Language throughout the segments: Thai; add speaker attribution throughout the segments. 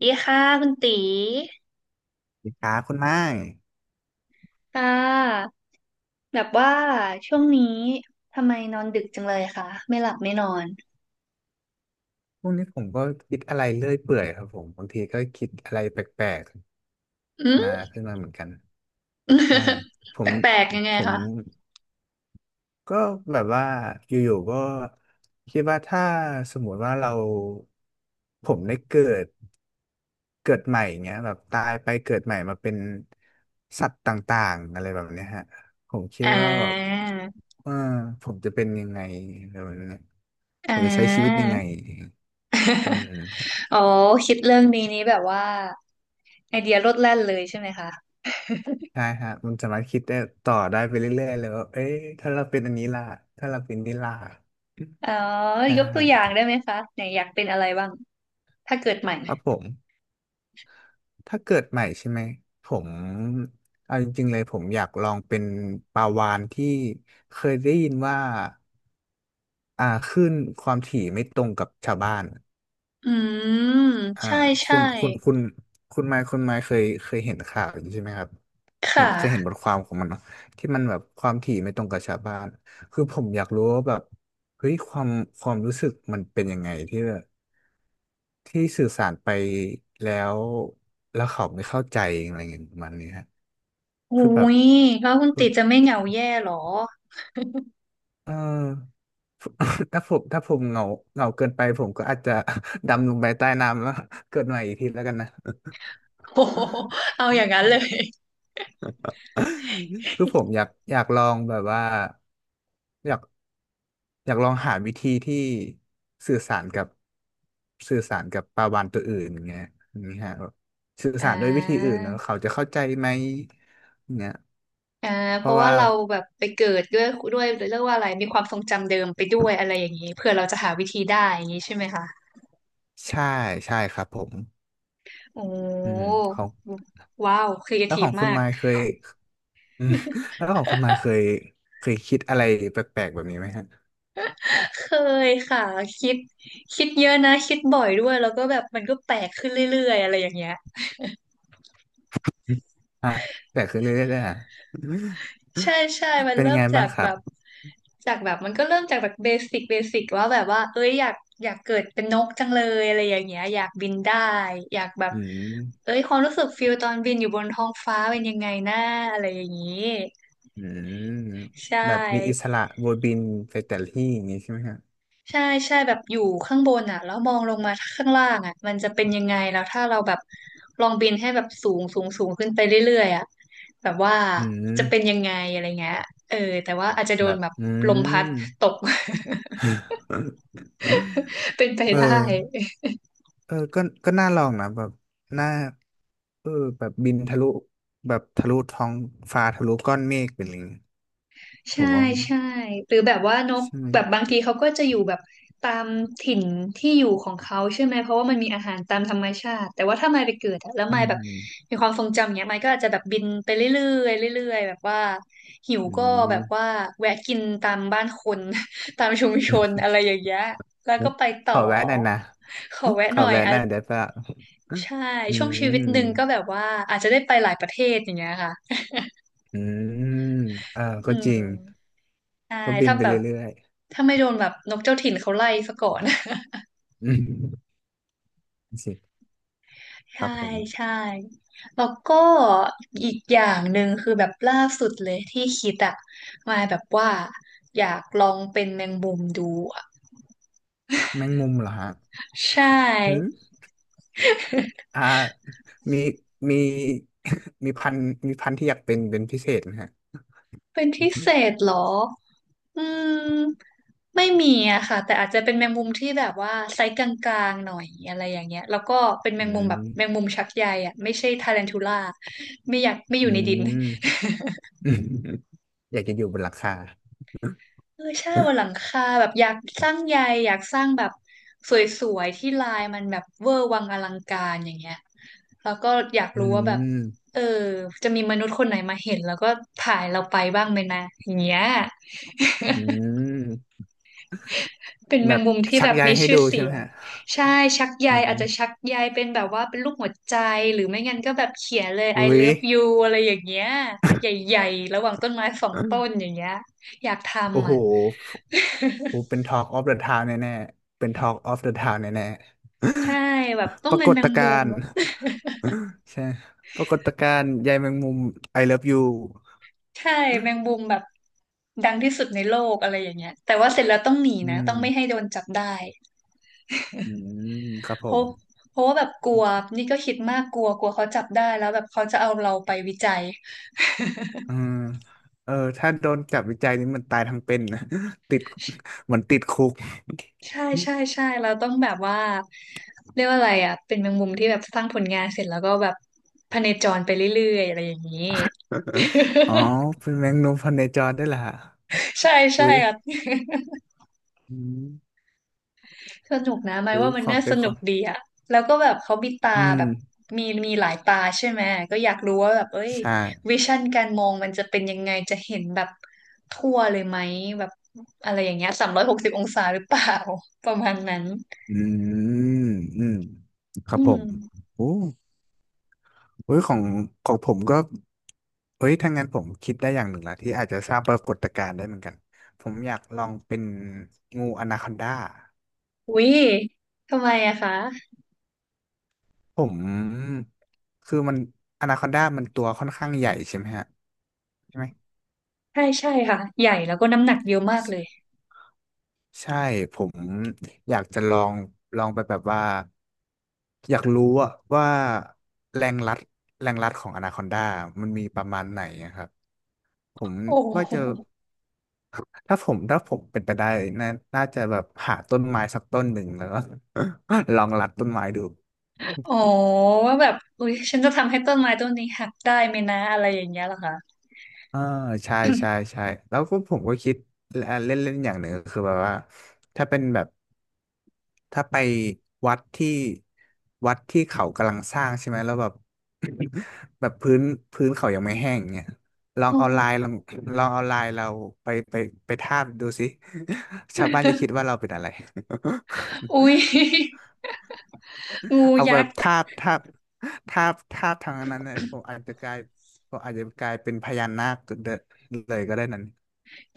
Speaker 1: ดีค่ะคุณตี
Speaker 2: สวัสดีครับคุณไม้
Speaker 1: ค่ะแบบว่าช่วงนี้ทำไมนอนดึกจังเลยคะไม่หลับไม่นอน
Speaker 2: พวกนี้ผมก็คิดอะไรเรื่อยเปื่อยครับผมบางทีก็คิดอะไรแปลก
Speaker 1: อื
Speaker 2: ๆมา
Speaker 1: ม
Speaker 2: ขึ้นมาเหมือนกันใช่ผ
Speaker 1: แ
Speaker 2: ม
Speaker 1: ปลกๆยังไง
Speaker 2: ผม
Speaker 1: คะ
Speaker 2: ก็แบบว่าอยู่ๆก็คิดว่าถ้าสมมติว่าเราผมได้เกิดใหม่เงี้ยแบบตายไปเกิดใหม่มาเป็นสัตว์ต่างๆอะไรแบบเนี้ยฮะผมคิด
Speaker 1: อ่
Speaker 2: ว่าแบบ
Speaker 1: า
Speaker 2: เออผมจะเป็นยังไงอะไรแบบเนี้ย
Speaker 1: อ่
Speaker 2: ผมจะใช้ชีวิต
Speaker 1: า
Speaker 2: ยังไง อืม
Speaker 1: อ๋อคิดเรื่องนี้นี้แบบว่าไอเดียโลดแล่นเลยใช่ไหมคะ
Speaker 2: ใช่ฮะมันสามารถคิดได้ต่อได้ไปเรื่อยๆเลยว่าเอ้ยถ้าเราเป็นอันนี้ล่ะถ้าเราเป็นนี่ล่ะ
Speaker 1: อ๋อ
Speaker 2: ใช่
Speaker 1: ยกตัวอย่างได้ไหมคะไหนอยากเป็นอะไรบ้างถ้าเกิดใหม่
Speaker 2: ครับผมถ้าเกิดใหม่ใช่ไหมผมเอาจริงๆเลยผมอยากลองเป็นปลาวาฬที่เคยได้ยินว่าคลื่นความถี่ไม่ตรงกับชาวบ้าน
Speaker 1: อืม
Speaker 2: อ่า
Speaker 1: ใช่
Speaker 2: คุ
Speaker 1: ใช่
Speaker 2: ณคุณคุณคุณไมค์เคยเห็นข่าวอยู่ใช่ไหมครับ
Speaker 1: ค
Speaker 2: เคยเห็น
Speaker 1: ่ะ
Speaker 2: บทความของมันเนาะที่มันแบบความถี่ไม่ตรงกับชาวบ้านคือผมอยากรู้ว่าแบบเฮ้ยความรู้สึกมันเป็นยังไงที่แบบที่สื่อสารไปแล้วแล้วเขาไม่เข้าใจอะไรเงี้ยประมาณนี้ฮะ
Speaker 1: อุ้
Speaker 2: คือแบบ
Speaker 1: ยแล้วคุณ
Speaker 2: คือ
Speaker 1: ตีจะไม่เหงาแย่หรอ
Speaker 2: เออ ถ้าผมเหงาเหงาเกินไปผมก็อาจจะ ดำลงไปใต้น้ำแล้ว เกิดใหม่อีกทีแล้วกันนะ
Speaker 1: โอ้โหเอาอย่างนั้นเลย
Speaker 2: คือผมอยากลองแบบว่าอยากอยากลองหาวิธีที่สื่อสารกับสื่อสารกับปลาวาฬตัวอื่นอย่างเงี้ยอย่างนี้ฮะแบบสื่อ
Speaker 1: อ่
Speaker 2: สารด้วยวิธีอื่
Speaker 1: า
Speaker 2: นเนอะเขาจะเข้าใจไหมเงี้ย
Speaker 1: อ่า
Speaker 2: เพ
Speaker 1: เพ
Speaker 2: ราะ
Speaker 1: ราะว่า
Speaker 2: ว่า
Speaker 1: เราแบบไปเกิดด้วยเรียกว่าอะไรมีความทรงจำเดิมไปด้วยอะไรอย่างนี้เพื่อเราจะหาวิธีได้อย่างนี้ใช่ไหมคะ
Speaker 2: ใช่ใช่ครับผม
Speaker 1: โอ
Speaker 2: อืม
Speaker 1: ้
Speaker 2: ของ
Speaker 1: ว้าวครีเอ
Speaker 2: แล้ว
Speaker 1: ที
Speaker 2: ข
Speaker 1: ฟ
Speaker 2: องคุณ
Speaker 1: มาก
Speaker 2: ไมค์เคยอืม แล้วของคุณไมค์เคยคิดอะไรแปลกๆแบบนี้ไหมฮะ
Speaker 1: เคยค่ะคิดเยอะนะคิดบ่อยด้วยแล้วก็แบบมันก็แปลกขึ้นเรื่อยๆอะไรอย่างเงี้ย
Speaker 2: ฮะแปลกขึ้นเรื่อยๆเลยอ่ะ
Speaker 1: ใช่ใช่มัน
Speaker 2: เป็น
Speaker 1: เริ่
Speaker 2: ยัง
Speaker 1: ม
Speaker 2: ไง
Speaker 1: จา
Speaker 2: บ้าง
Speaker 1: ก
Speaker 2: ครั
Speaker 1: แบ
Speaker 2: บ
Speaker 1: บจากแบบมันก็เริ่มจากแบบเบสิกว่าแบบว่าเอ้ยอยากเกิดเป็นนกจังเลยอะไรอย่างเงี้ยอยากบินได้อยากแบบ
Speaker 2: อืม
Speaker 1: เอ้ยความรู้สึกฟิลตอนบินอยู่บนท้องฟ้าเป็นยังไงนะอะไรอย่างงี้
Speaker 2: อืม
Speaker 1: ใช่
Speaker 2: แบบมีอิสระวนบินไปแต่ละที่อย่างนี้ใช่ไหมฮะ
Speaker 1: ใช่ใช่แบบอยู่ข้างบนอ่ะแล้วมองลงมาข้างล่างอ่ะมันจะเป็นยังไงแล้วถ้าเราแบบลองบินให้แบบสูงสูงขึ้นไปเรื่อยๆอ่ะแบบว่า
Speaker 2: อื
Speaker 1: จะเป็น
Speaker 2: ม
Speaker 1: ยังไงอะไรเงี้ยเออแต่ว่าอาจจะโด
Speaker 2: แบ
Speaker 1: น
Speaker 2: บ
Speaker 1: แบบ
Speaker 2: อื
Speaker 1: ลมพัด
Speaker 2: ม
Speaker 1: ตก เป็นไป
Speaker 2: เออ
Speaker 1: ได้
Speaker 2: ก็น่าลองนะแบบน่าเออแบบบินทะลุแบบทะลุท้องฟ้าทะลุก้อนเมฆไปเลยผ
Speaker 1: ใช่
Speaker 2: มว่า
Speaker 1: ใช่หรือแบบว่านก
Speaker 2: ใช่ไหม
Speaker 1: แบบบางทีเขาก็จะอยู่แบบตามถิ่นที่อยู่ของเขาใช่ไหมเพราะว่ามันมีอาหารตามธรรมชาติแต่ว่าถ้ามายไปเกิดอะแล้ว
Speaker 2: อื
Speaker 1: มายแบบ
Speaker 2: ม
Speaker 1: มีความทรงจำเนี้ยมายก็อาจจะแบบบินไปเรื่อยๆเรื่อยๆแบบว่าหิว
Speaker 2: อื
Speaker 1: ก็แบบว่า
Speaker 2: ม
Speaker 1: แวะกินตามบ้านคน ตามชุมชนอะไรอย่างเงี้ยแล้วก็ไป ต่
Speaker 2: ข
Speaker 1: อ
Speaker 2: อแวะหน่อยนะ
Speaker 1: ขอแวะ
Speaker 2: ข
Speaker 1: ห
Speaker 2: อ
Speaker 1: น่อย
Speaker 2: แวะ
Speaker 1: อ่ะ
Speaker 2: หน่อยได้ปะ
Speaker 1: ใช่
Speaker 2: อื
Speaker 1: ช่วงชีวิตหนึ่ง
Speaker 2: ม
Speaker 1: ก็แบบว่าอาจจะได้ไปหลายประเทศอย่างเงี้ยค่ะ
Speaker 2: อืมเออ
Speaker 1: อื
Speaker 2: ก็จ
Speaker 1: ม
Speaker 2: ริง
Speaker 1: ใช่
Speaker 2: ก็บิน
Speaker 1: ถ้า
Speaker 2: ไป
Speaker 1: แบบ
Speaker 2: เรื่อย
Speaker 1: ถ้าไม่โดนแบบนกเจ้าถิ่นเขาไล่ซะก่อน
Speaker 2: อืม สิ ครับ
Speaker 1: ใช่
Speaker 2: ผม
Speaker 1: ใช่แล้วก็อีกอย่างหนึ่งคือแบบล่าสุดเลยที่คิดอะมาแบบว่าอยากลองเป็นแมงมุมดูอะ
Speaker 2: แมงมุมเหรอฮะ
Speaker 1: ใช
Speaker 2: อื
Speaker 1: ่
Speaker 2: มอ่ามีมี มีพันธุ์ที่อยากเป็นพิเศษนะฮะ
Speaker 1: เป็นพิเศษเหรออืมไม่มีอะค่ะแต่อาจจะเป็นแมงมุมที่แบบว่าไซส์กลางๆหน่อยอะไรอย่างเงี้ยแล้วก็เป็นแม
Speaker 2: อื
Speaker 1: งมุมแบ
Speaker 2: ม
Speaker 1: บแมงมุมชักใยอะไม่ใช่ทารันทูล่าไม่อยากไม่อยู่
Speaker 2: อื
Speaker 1: ในดิน
Speaker 2: มอืม อยากจะอยู่บนหลังคา
Speaker 1: เออใช่บนหลังคาแบบอยากสร้างใยอยากสร้างแบบสวยๆที่ลายมันแบบเวอร์วังอลังการอย่างเงี้ยแล้วก็อยาก
Speaker 2: อื
Speaker 1: รู้ว่าแบบ
Speaker 2: ม
Speaker 1: เออจะมีมนุษย์คนไหนมาเห็นแล้วก็ถ่ายเราไปบ้างไหมนะอย่างเงี้ย
Speaker 2: อืม
Speaker 1: เป็นแม
Speaker 2: แบ
Speaker 1: ง
Speaker 2: บ
Speaker 1: มุมที่
Speaker 2: ชั
Speaker 1: แบ
Speaker 2: ก
Speaker 1: บ
Speaker 2: ใย
Speaker 1: มี
Speaker 2: ให้
Speaker 1: ชื่
Speaker 2: ดู
Speaker 1: อ
Speaker 2: ใช่
Speaker 1: เสี
Speaker 2: ไหม
Speaker 1: ยง
Speaker 2: ฮะ
Speaker 1: ใช่ชักใย
Speaker 2: อื
Speaker 1: อาจจะชั
Speaker 2: ม
Speaker 1: กใยเป็นแบบว่าเป็นรูปหัวใจหรือไม่งั้นก็แบบเขียนเลย I
Speaker 2: อุ้ย
Speaker 1: love you อะไรอย่างเงี้ยใหญ่ๆระหว่างต้นไม้สองต้นอย่างเงี้ยอยากท
Speaker 2: โอ้
Speaker 1: ำ
Speaker 2: โห
Speaker 1: อ่ะ
Speaker 2: โอ้เป็น Talk of the Town แน่ๆเป็น Talk of the Town แน่
Speaker 1: ใช่แบบต้อ
Speaker 2: ๆป
Speaker 1: ง
Speaker 2: รา
Speaker 1: เป็
Speaker 2: ก
Speaker 1: นแม
Speaker 2: ฏ
Speaker 1: ง
Speaker 2: กา
Speaker 1: มุม
Speaker 2: รณ์ ใช่ปรากฏการณ์ใยแมงมุม I love you
Speaker 1: ใช่แมง
Speaker 2: อ
Speaker 1: มุมแบบดังที่สุดในโลกอะไรอย่างเงี้ยแต่ว่าเสร็จแล้วต้องหนี
Speaker 2: ื
Speaker 1: นะต้อง
Speaker 2: ม
Speaker 1: ไม่ให้โดนจับได้
Speaker 2: อืมครับผ
Speaker 1: เพราะ
Speaker 2: ม
Speaker 1: ว่าแบบกลัวนี่ก็คิดมากกลัวกลัวเขาจับได้แล้วแบบเขาจะเอาเราไปวิจัย
Speaker 2: อืมเออ ถ้าโดนจับวิจัยนี่มันตายทั้งเป็นนะ ติดเหมือนติดคุก
Speaker 1: ใช่ใช่ ใช่เราต้องแบบว่าเรียกว่าอะไรอ่ะเป็นแมงมุมที่แบบสร้างผลงานเสร็จแล้วก็แบบพเนจรไปเรื่อยๆอะไรอย่างนี้
Speaker 2: อ๋อ เป็นแมงมุมพันในจรได้วยล่ะ
Speaker 1: ใช่ใช่
Speaker 2: อุ้ย
Speaker 1: อ่ะ
Speaker 2: อืม
Speaker 1: สนุกนะหมาย
Speaker 2: อุ้ย
Speaker 1: ว่ามัน
Speaker 2: ความ
Speaker 1: น่า
Speaker 2: เป็
Speaker 1: ส
Speaker 2: นค
Speaker 1: นุ
Speaker 2: วา
Speaker 1: ก
Speaker 2: ม
Speaker 1: ดีอะแล้วก็แบบเขามีตา
Speaker 2: อื
Speaker 1: แบ
Speaker 2: ม
Speaker 1: บมีหลายตาใช่ไหมก็อยากรู้ว่าแบบเอ้ย
Speaker 2: ใช่
Speaker 1: วิชั่นการมองมันจะเป็นยังไงจะเห็นแบบทั่วเลยไหมแบบอะไรอย่างเงี้ย360องศาหรือเปล่า ประมาณนั้น
Speaker 2: อืมอืมครั
Speaker 1: อื
Speaker 2: บผ
Speaker 1: ม
Speaker 2: มโอ้ เฮ้ยของผมก็เฮ้ยถ้างั้นผมคิดได้อย่างหนึ่งละที่อาจจะสร้างปรากฏการณ์ได้เหมือนกันผมอยากลองเป็นงูอนาคอนดา
Speaker 1: อุ๊ยทำไมอะคะ
Speaker 2: ผมคือมันอนาคอนดามันตัวค่อนข้างใหญ่ใช่ไหมฮะใช่ไหม
Speaker 1: ใช่ใช่ค่ะใหญ่แล้วก็น้ำหนักเยอะมากเลย
Speaker 2: ใช่ผมอยากจะลองไปแบบว่าอยากรู้อะว่าแรงรัดแรงรัดของอนาคอนดามันมีประมาณไหนอะครับผม
Speaker 1: โอ้
Speaker 2: ว่า
Speaker 1: โห
Speaker 2: จะ ถ้าผมเป็นไปได้น่าน่าจะแบบหาต้นไม้สักต้นหนึ่งแล้วก็ ลองรัดต้นไม้ดู
Speaker 1: อ๋อว่าแบบอุ๊ยฉันจะทำให้ต้นไม้ต้นนี้หักได้ไหมนะอะไรอย่างเงี้ยเหรอคะ
Speaker 2: อ่าใช่ใช่ใช่แล้วก็ผมก็คิดเล่นเล่นอย่างหนึ่งก็คือแบบว่าถ้าเป็นแบบถ้าไปวัดที่วัดที่เขากำลังสร้างใช่ไหมแล้วแบบ แบบพื้นเขายังไม่แห้งเนี่ยลอง
Speaker 1: อ๋อ
Speaker 2: เอาลายลองลองเอาลายเราไปไปไปทาบดูสิ ชาวบ้านจะคิดว่าเราเป็นอะไร
Speaker 1: อุ๊ย งู
Speaker 2: เอาแบ
Speaker 1: ยัก
Speaker 2: บ
Speaker 1: ษ์
Speaker 2: ทาบทาบทาบทาบทางนั้นเลยผมอาจจะกลายผมอาจจะกลายเป็นพญานาคเดเลยก็ได้นั้น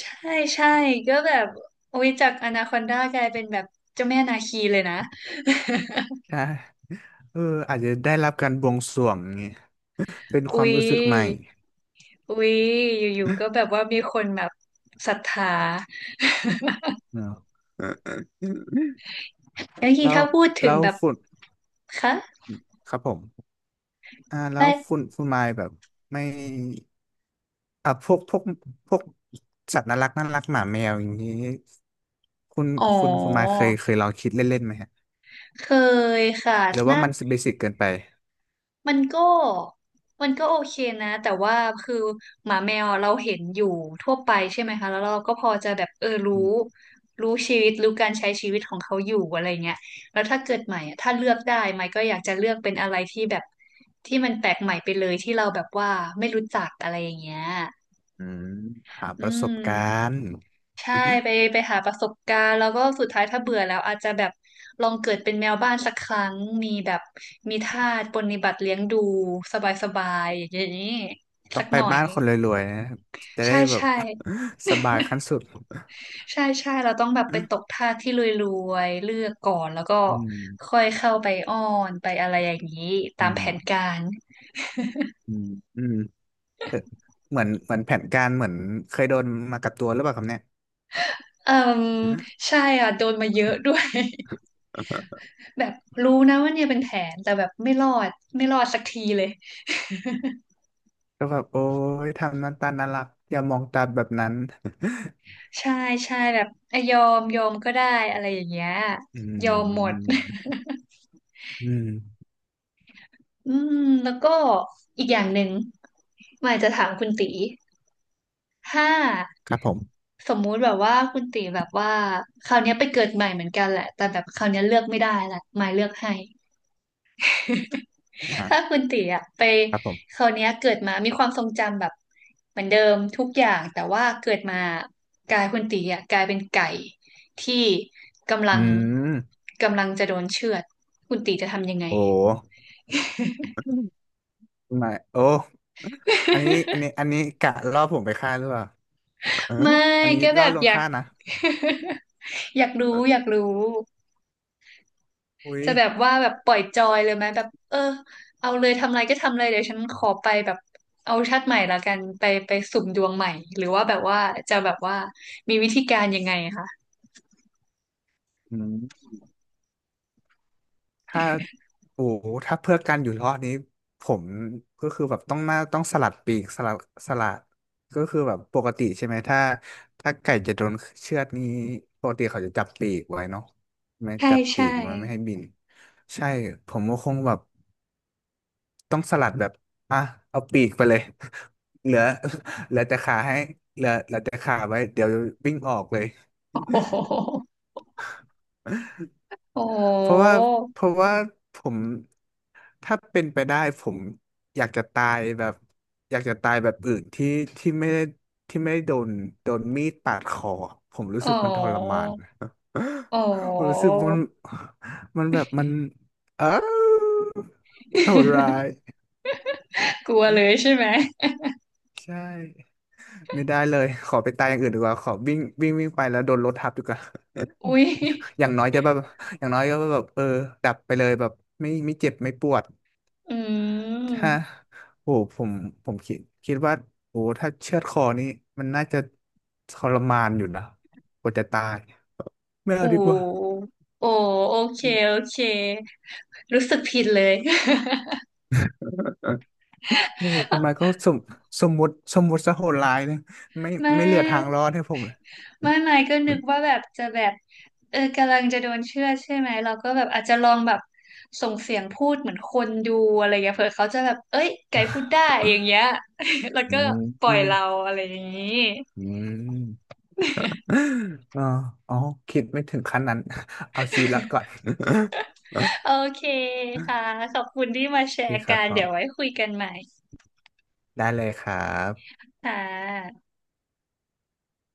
Speaker 1: ใช่ใช่ก็แบบอุ๊ยจากอนาคอนดากลายเป็นแบบเจ้าแม่นาคีเลยนะ
Speaker 2: ใช่เอออาจจะได้รับการบวงสรวงอย่างงี้เป็นค
Speaker 1: อุ๊
Speaker 2: วาม
Speaker 1: ย
Speaker 2: รู้สึกใหม่
Speaker 1: อุ๊ยอยู่ๆก็แบบว่ามีคนแบบศรัทธา
Speaker 2: เนอะ
Speaker 1: แล้วที
Speaker 2: แล้ว
Speaker 1: ถ้าพูดถึ
Speaker 2: แล้
Speaker 1: ง
Speaker 2: ว
Speaker 1: แบบ
Speaker 2: ฝุ่น
Speaker 1: คะ
Speaker 2: ครับผมแล้
Speaker 1: ไม่
Speaker 2: วฝุ่นไม้แบบไม่อ่ะพวกสัตว์น่ารักน่ารักหมาแมวอย่างนี้คุณ
Speaker 1: อ๋อ
Speaker 2: คุณไม้เคยลองคิดเล่นๆไหมฮะ
Speaker 1: เคยค่ะ
Speaker 2: หรือว่า
Speaker 1: น่า
Speaker 2: มันเบสิกเกินไป
Speaker 1: มันก็โอเคนะแต่ว่าคือหมาแมวอะเราเห็นอยู่ทั่วไปใช่ไหมคะแล้วเราก็พอจะแบบเออรู้ชีวิตรู้การใช้ชีวิตของเขาอยู่อะไรเงี้ยแล้วถ้าเกิดใหม่อะถ้าเลือกได้ใหม่ก็อยากจะเลือกเป็นอะไรที่แบบที่มันแปลกใหม่ไปเลยที่เราแบบว่าไม่รู้จักอะไรอย่างเงี้ย
Speaker 2: อืมหา
Speaker 1: อื
Speaker 2: ประส
Speaker 1: ม
Speaker 2: บการณ์
Speaker 1: ใช่ไปไปหาประสบการณ์แล้วก็สุดท้ายถ้าเบื่อแล้วอาจจะแบบลองเกิดเป็นแมวบ้านสักครั้งมีแบบมีทาสปรนนิบัติเลี้ยงดูสบายๆอย่างนี้
Speaker 2: ต้อ
Speaker 1: สั
Speaker 2: ง
Speaker 1: ก
Speaker 2: ไป
Speaker 1: หน่อย
Speaker 2: บ้านคนรวยๆนะจะได้
Speaker 1: ใช่
Speaker 2: แบบ
Speaker 1: ใช่
Speaker 2: สบายขั้นสุด
Speaker 1: ใช่ใช่เราต้องแบบไปตกทาสที่รวยๆเลือกก่อนแล้วก็
Speaker 2: อืม
Speaker 1: ค่อยเข้าไปอ้อนไปอะไรอย่างนี้ตา
Speaker 2: อื
Speaker 1: ม
Speaker 2: ม
Speaker 1: แผนการ
Speaker 2: อืมอืมเอ่อเหมือนแผนการเหมือนเคยโดนมากับตัวหรือเปล่าครับเนี่ย
Speaker 1: เอ่มใช่อ่ะโดนมาเยอะด้วย แบบรู้นะว่าเนี่ยเป็นแผนแต่แบบไม่รอดไม่รอดสักทีเลย
Speaker 2: ก็แบบโอ้ยทำหน้าตาน่ารักอย่ามองตาแบบนั้น
Speaker 1: ใช่ใช่แบบเอ้ยยอมยอมก็ได้อะไรอย่างเงี้ย
Speaker 2: อื
Speaker 1: ยอมหมด
Speaker 2: มอืม
Speaker 1: อืมแล้วก็อีกอย่างหนึ่งหมายจะถามคุณตีถ้า
Speaker 2: ครับผม
Speaker 1: สมมุติแบบว่าคุณตีแบบว่าคราวเนี้ยไปเกิดใหม่เหมือนกันแหละแต่แบบคราวเนี้ยเลือกไม่ได้ละหมายเลือกให้ ถ้า
Speaker 2: อ่ะ
Speaker 1: คุณตีอะไป
Speaker 2: ครับผ
Speaker 1: ค
Speaker 2: ม
Speaker 1: ราวเนี้ยเกิดมามีความทรงจำแบบเหมือนเดิมทุกอย่างแต่ว่าเกิดมากายคุณตีอะกลายเป็นไก่ที่กำลั
Speaker 2: อื
Speaker 1: ง
Speaker 2: ม
Speaker 1: กำลังจะโดนเชือดคุณตีจะทำยังไง
Speaker 2: โอ้ไม่โอ้อันนี้กะล่อผมไปฆ่าหรือเปล่าเออ
Speaker 1: ไม่
Speaker 2: อันนี้
Speaker 1: ก็แบ
Speaker 2: ล่อ
Speaker 1: บ
Speaker 2: ลวง
Speaker 1: อยาก
Speaker 2: ฆ่านะ
Speaker 1: อยากรู้อยากรู้
Speaker 2: อุ้ย
Speaker 1: จะแบบว่าแบบปล่อยจอยเลยไหมแบบเออเอาเลยทำอะไรก็ทำเลยเดี๋ยวฉันขอไปแบบเอาชาติใหม่ละกันไปไปสุ่มดวงใหม่หรือว่าแบบว่าจะแบบว่ามีวิธีการยังไงคะ
Speaker 2: อืมถ้าโอ้โหถ้าเพื่อการอยู่รอดนี้ผมก็คือแบบต้องมนาต้องสลัดปีกสลัดก็คือแบบปกติใช่ไหมถ้าไก่จะโดนเชือดนี้ปกติเขาจะจับปีกไว้เนาะไม่
Speaker 1: ใช่
Speaker 2: จับปี
Speaker 1: ใช่
Speaker 2: กไว้ไม่ให้บินใช่ผมก็คงแบบต้องสลัดแบบอ่ะเอาปีกไปเลย เหลือเหลือแต่ขาให้เหลือแต่ขาไว้เดี๋ยววิ่งออกเลย
Speaker 1: โอ้โหโอ้โ
Speaker 2: เพราะว่า
Speaker 1: ห
Speaker 2: เพราะว่าผมถ้าเป็นไปได้ผมอยากจะตายแบบอยากจะตายแบบอื่นที่ที่ไม่ได้ที่ไม่ได้โดนมีดปาดคอผมรู้
Speaker 1: โอ้
Speaker 2: สึก
Speaker 1: โ
Speaker 2: มันทรมาน
Speaker 1: หโอ้โ
Speaker 2: ผมรู้สึกมั
Speaker 1: ห
Speaker 2: นมันแบบมันเออมันโหดร้าย
Speaker 1: กลัวเลยใช่ไหม
Speaker 2: ใช่ไม่ได้เลยขอไปตายอย่างอื่นดีกว่าขอวิ่งวิ่งวิ่งไปแล้วโดนรถทับดีกว่า
Speaker 1: อุ้ย
Speaker 2: อย่างน้อยจะแบบอย่างน้อยก็แบบเออดับไปเลยแบบไม่เจ็บไม่ปวด
Speaker 1: อื
Speaker 2: ถ้า
Speaker 1: ม
Speaker 2: โอ้ผมคิดว่าโอ้ถ้าเชือดคอนี่มันน่าจะทรมานอยู่นะกว่าจะตายไม่
Speaker 1: โอ้
Speaker 2: เอาดีกว่า
Speaker 1: โอ้โอเคโอเครู้สึกผิดเลย
Speaker 2: โอ้คุณไมค์ก็สมสมมุติสมมติซะโหดร้ายเลยไม่
Speaker 1: แม่
Speaker 2: เหลือทางรอดให้ผมเลย
Speaker 1: ไม่ไม่ก็นึกว่าแบบจะแบบเออกำลังจะโดนเชื่อดใช่ไหมเราก็แบบอาจจะลองแบบส่งเสียงพูดเหมือนคนดูอะไรอย่างเงี้ยเผื่อเขาจะแบบเอ้ยไก่พูดได้อย่างเงี้ย แล้ว
Speaker 2: อื
Speaker 1: ก็
Speaker 2: ม
Speaker 1: ปล่อ
Speaker 2: อื
Speaker 1: ย
Speaker 2: ม
Speaker 1: เราอะไรอย่างงี้
Speaker 2: อืมอ๋ออ๋อคิดไม่ถึงขั้นนั้น เอาชีวิตรอดก่อน
Speaker 1: โอเคค่ะขอบคุณที่มาแช
Speaker 2: โอเค
Speaker 1: ร์
Speaker 2: ครับ
Speaker 1: กัน
Speaker 2: ผ
Speaker 1: เดี๋ยวไว้
Speaker 2: ม
Speaker 1: คุยกันใหม่
Speaker 2: ได้เลยครับ
Speaker 1: ค่ะ